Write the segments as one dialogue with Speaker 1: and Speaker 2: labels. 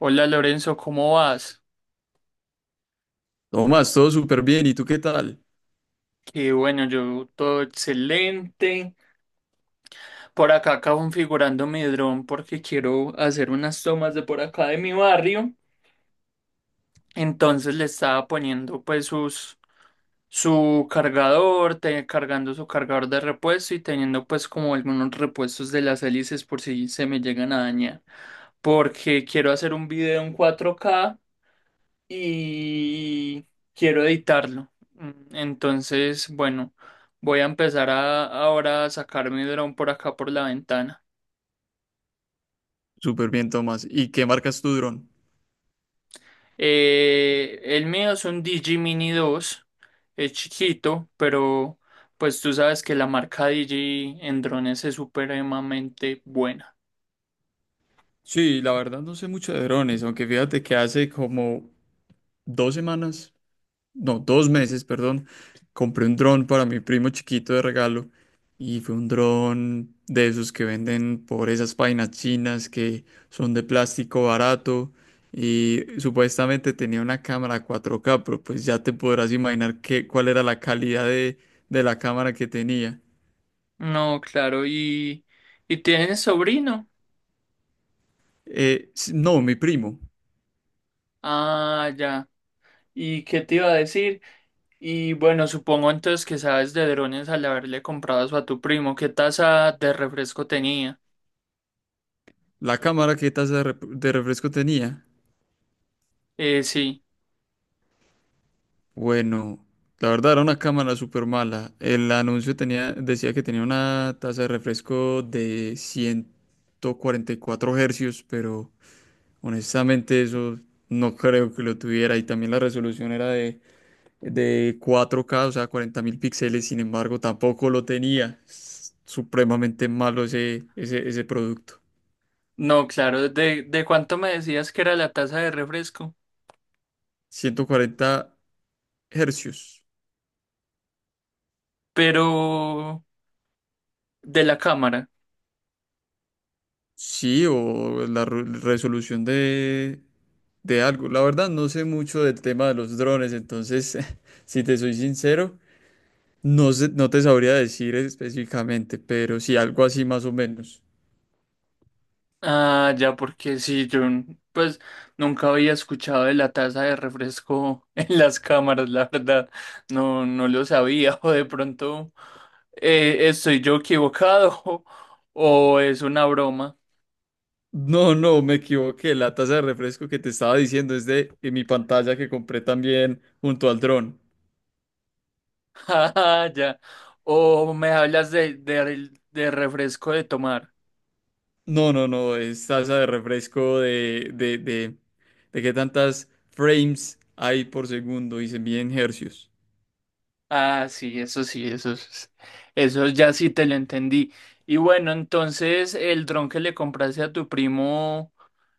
Speaker 1: Hola Lorenzo, ¿cómo vas?
Speaker 2: Tomás, todo súper bien. ¿Y tú qué tal?
Speaker 1: Qué bueno, yo todo excelente. Por acá acabo configurando mi dron porque quiero hacer unas tomas de por acá de mi barrio. Entonces le estaba poniendo pues sus, su cargador, cargando su cargador de repuesto y teniendo pues como algunos repuestos de las hélices por si se me llegan a dañar. Porque quiero hacer un video en 4K y quiero editarlo. Entonces, bueno, voy a empezar a, ahora a sacar mi dron por acá por la ventana.
Speaker 2: Súper bien, Tomás. ¿Y qué marcas tu dron?
Speaker 1: El mío es un Digi Mini 2, es chiquito, pero pues tú sabes que la marca Digi en drones es supremamente buena.
Speaker 2: Sí, la verdad no sé mucho de drones, aunque fíjate que hace como 2 semanas, no, 2 meses, perdón, compré un dron para mi primo chiquito de regalo y fue un dron de esos que venden por esas páginas chinas que son de plástico barato y supuestamente tenía una cámara 4K, pero pues ya te podrás imaginar cuál era la calidad de la cámara que tenía.
Speaker 1: No, claro, y tienes sobrino.
Speaker 2: No, mi primo.
Speaker 1: Ah, ya. ¿Y qué te iba a decir? Y bueno, supongo entonces que sabes de drones al haberle comprado eso a tu primo. ¿Qué taza de refresco tenía?
Speaker 2: La cámara que taza de refresco tenía.
Speaker 1: Sí.
Speaker 2: Bueno, la verdad era una cámara súper mala. El anuncio tenía, decía que tenía una taza de refresco de 144 hercios, pero honestamente eso no creo que lo tuviera. Y también la resolución era de 4K, o sea, 40.000 píxeles. Sin embargo, tampoco lo tenía. Es supremamente malo ese producto.
Speaker 1: No, claro. ¿De cuánto me decías que era la taza de refresco?
Speaker 2: 140 hercios.
Speaker 1: Pero, de la cámara.
Speaker 2: Sí, o la resolución de algo. La verdad, no sé mucho del tema de los drones, entonces, si te soy sincero, no sé, no te sabría decir específicamente, pero sí algo así más o menos.
Speaker 1: Ah, ya, porque sí, yo pues nunca había escuchado de la taza de refresco en las cámaras, la verdad. No, no lo sabía. O de pronto estoy yo equivocado o es una broma.
Speaker 2: No, no, me equivoqué. La taza de refresco que te estaba diciendo es de mi pantalla que compré también junto al dron.
Speaker 1: Ah, ya. O me hablas de refresco de tomar.
Speaker 2: No, no, no, es taza de refresco de qué tantas frames hay por segundo y se mide en hercios.
Speaker 1: Ah, sí, eso sí, eso ya sí te lo entendí. Y bueno, entonces el dron que le compraste a tu primo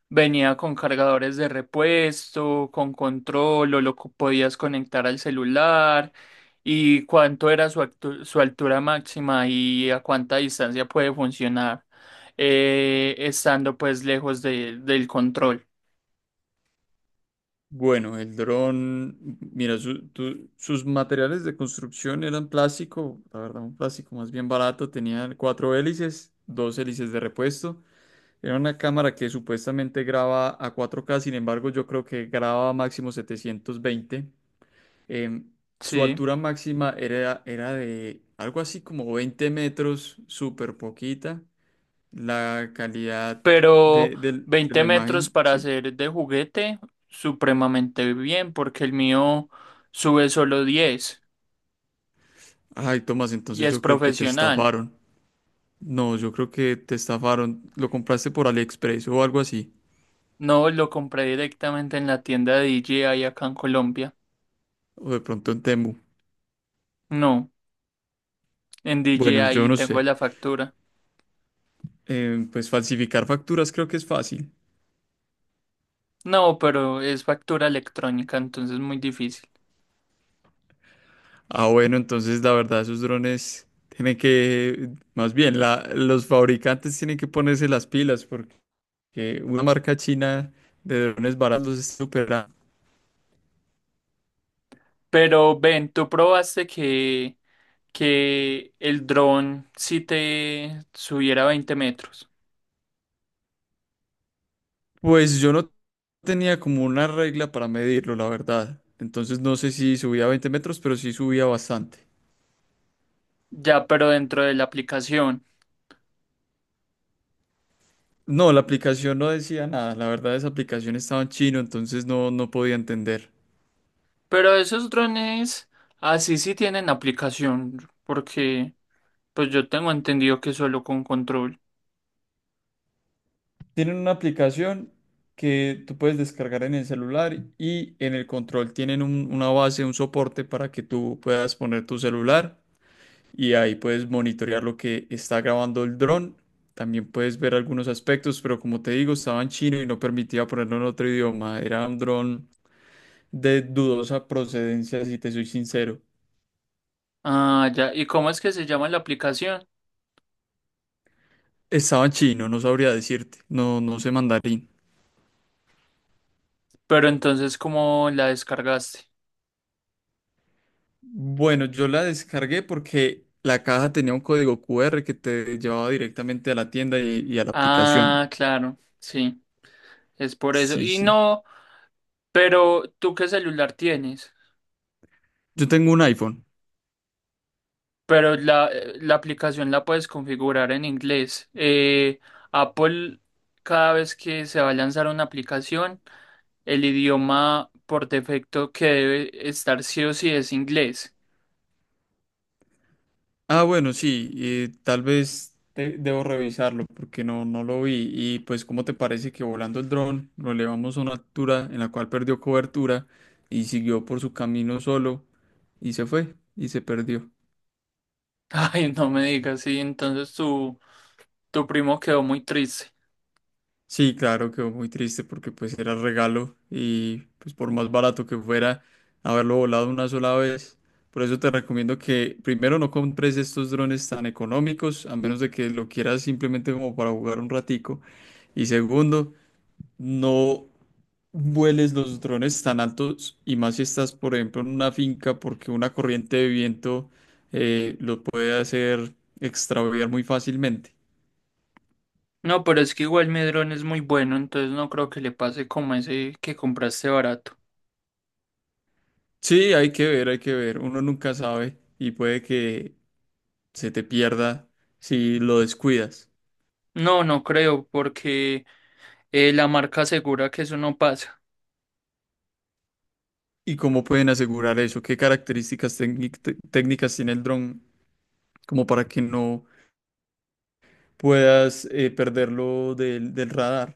Speaker 1: venía con cargadores de repuesto, con control, o lo podías conectar al celular. ¿Y cuánto era su altura máxima y a cuánta distancia puede funcionar estando pues lejos del control?
Speaker 2: Bueno, el dron, mira, sus materiales de construcción eran plástico, la verdad, un plástico más bien barato, tenía cuatro hélices, dos hélices de repuesto. Era una cámara que supuestamente graba a 4K, sin embargo, yo creo que graba máximo 720. Em, Su
Speaker 1: Sí.
Speaker 2: altura máxima era de algo así como 20 metros, súper poquita. La calidad
Speaker 1: Pero
Speaker 2: de
Speaker 1: 20
Speaker 2: la
Speaker 1: metros
Speaker 2: imagen,
Speaker 1: para
Speaker 2: sí.
Speaker 1: hacer de juguete, supremamente bien, porque el mío sube solo 10
Speaker 2: Ay, Tomás,
Speaker 1: y
Speaker 2: entonces
Speaker 1: es
Speaker 2: yo creo que te
Speaker 1: profesional.
Speaker 2: estafaron. No, yo creo que te estafaron. Lo compraste por AliExpress o algo así.
Speaker 1: No lo compré directamente en la tienda de DJI acá en Colombia.
Speaker 2: O de pronto en Temu.
Speaker 1: No, en
Speaker 2: Bueno, yo
Speaker 1: DJI
Speaker 2: no
Speaker 1: tengo
Speaker 2: sé.
Speaker 1: la factura.
Speaker 2: Pues falsificar facturas creo que es fácil.
Speaker 1: No, pero es factura electrónica, entonces muy difícil.
Speaker 2: Ah, bueno, entonces la verdad, esos drones tienen que, más bien, los fabricantes tienen que ponerse las pilas porque una marca china de drones baratos los está superando.
Speaker 1: Pero ven, tú probaste que, el dron sí te subiera 20 metros.
Speaker 2: Pues yo no tenía como una regla para medirlo, la verdad. Entonces no sé si subía a 20 metros, pero sí subía bastante.
Speaker 1: Ya, pero dentro de la aplicación.
Speaker 2: No, la aplicación no decía nada. La verdad, esa aplicación estaba en chino, entonces no podía entender.
Speaker 1: Pero esos drones así sí sí tienen aplicación, porque pues yo tengo entendido que solo con control.
Speaker 2: Tienen una aplicación que tú puedes descargar en el celular y en el control tienen una base, un soporte para que tú puedas poner tu celular y ahí puedes monitorear lo que está grabando el dron. También puedes ver algunos aspectos, pero como te digo, estaba en chino y no permitía ponerlo en otro idioma. Era un dron de dudosa procedencia, si te soy sincero.
Speaker 1: Ah, ya. ¿Y cómo es que se llama la aplicación?
Speaker 2: Estaba en chino, no sabría decirte. No, no sé mandarín.
Speaker 1: Pero entonces, ¿cómo la descargaste?
Speaker 2: Bueno, yo la descargué porque la caja tenía un código QR que te llevaba directamente a la tienda y a la aplicación.
Speaker 1: Ah, claro, sí, es por eso.
Speaker 2: Sí,
Speaker 1: Y
Speaker 2: sí.
Speaker 1: no, pero ¿tú qué celular tienes?
Speaker 2: Yo tengo un iPhone.
Speaker 1: Pero la aplicación la puedes configurar en inglés. Apple, cada vez que se va a lanzar una aplicación, el idioma por defecto que debe estar sí o sí es inglés.
Speaker 2: Ah, bueno, sí, tal vez debo revisarlo porque no lo vi. Y pues, ¿cómo te parece que volando el dron lo elevamos a una altura en la cual perdió cobertura y siguió por su camino solo y se fue y se perdió?
Speaker 1: Ay, no me digas, sí, entonces tu primo quedó muy triste.
Speaker 2: Sí, claro, quedó muy triste porque pues era regalo y pues por más barato que fuera haberlo volado una sola vez. Por eso te recomiendo que primero no compres estos drones tan económicos, a menos de que lo quieras simplemente como para jugar un ratico. Y segundo, no vueles los drones tan altos y más si estás, por ejemplo, en una finca porque una corriente de viento lo puede hacer extraviar muy fácilmente.
Speaker 1: No, pero es que igual Medrón es muy bueno, entonces no creo que le pase como ese que compraste barato.
Speaker 2: Sí, hay que ver, hay que ver. Uno nunca sabe y puede que se te pierda si lo descuidas.
Speaker 1: No, no creo, porque la marca asegura que eso no pasa.
Speaker 2: ¿Y cómo pueden asegurar eso? ¿Qué características técnicas tiene el dron como para que no puedas perderlo del radar?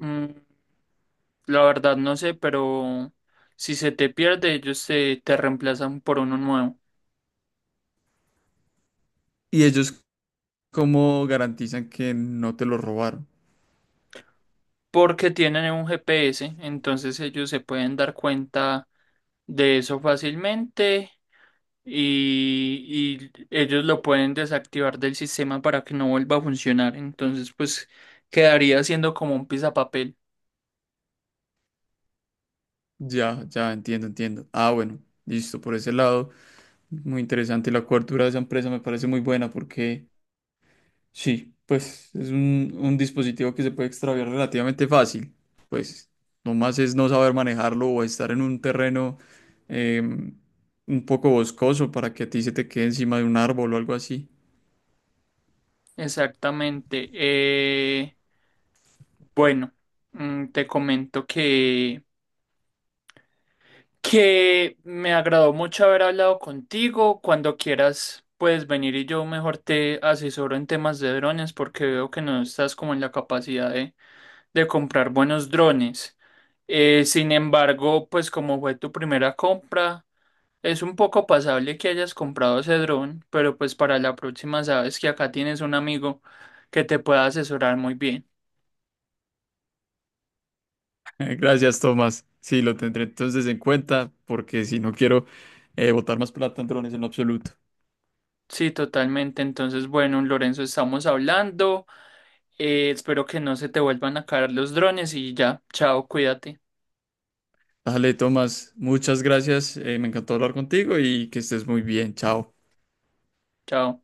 Speaker 1: Mm, la verdad no sé, pero si se te pierde, ellos te reemplazan por uno nuevo.
Speaker 2: ¿Y ellos cómo garantizan que no te lo robaron?
Speaker 1: Porque tienen un GPS, entonces ellos se pueden dar cuenta de eso fácilmente y, y ellos lo pueden desactivar del sistema para que no vuelva a funcionar. Entonces, pues quedaría siendo como un pisapapel.
Speaker 2: Ya, ya, entiendo, entiendo. Ah, bueno, listo, por ese lado. Muy interesante. La cobertura de esa empresa me parece muy buena porque. Sí, pues es un dispositivo que se puede extraviar relativamente fácil. Pues nomás es no saber manejarlo o estar en un terreno em, un poco boscoso para que a ti se te quede encima de un árbol o algo así.
Speaker 1: Exactamente. Bueno, te comento que me agradó mucho haber hablado contigo. Cuando quieras, puedes venir y yo mejor te asesoro en temas de drones porque veo que no estás como en la capacidad de comprar buenos drones. Sin embargo, pues como fue tu primera compra, es un poco pasable que hayas comprado ese dron, pero pues para la próxima sabes que acá tienes un amigo que te pueda asesorar muy bien.
Speaker 2: Gracias, Tomás. Sí, lo tendré entonces en cuenta porque si no quiero botar más plata en drones en lo absoluto.
Speaker 1: Sí, totalmente. Entonces, bueno, Lorenzo, estamos hablando. Espero que no se te vuelvan a caer los drones y ya, chao, cuídate,
Speaker 2: Dale, Tomás, muchas gracias. Me encantó hablar contigo y que estés muy bien. Chao.
Speaker 1: chao.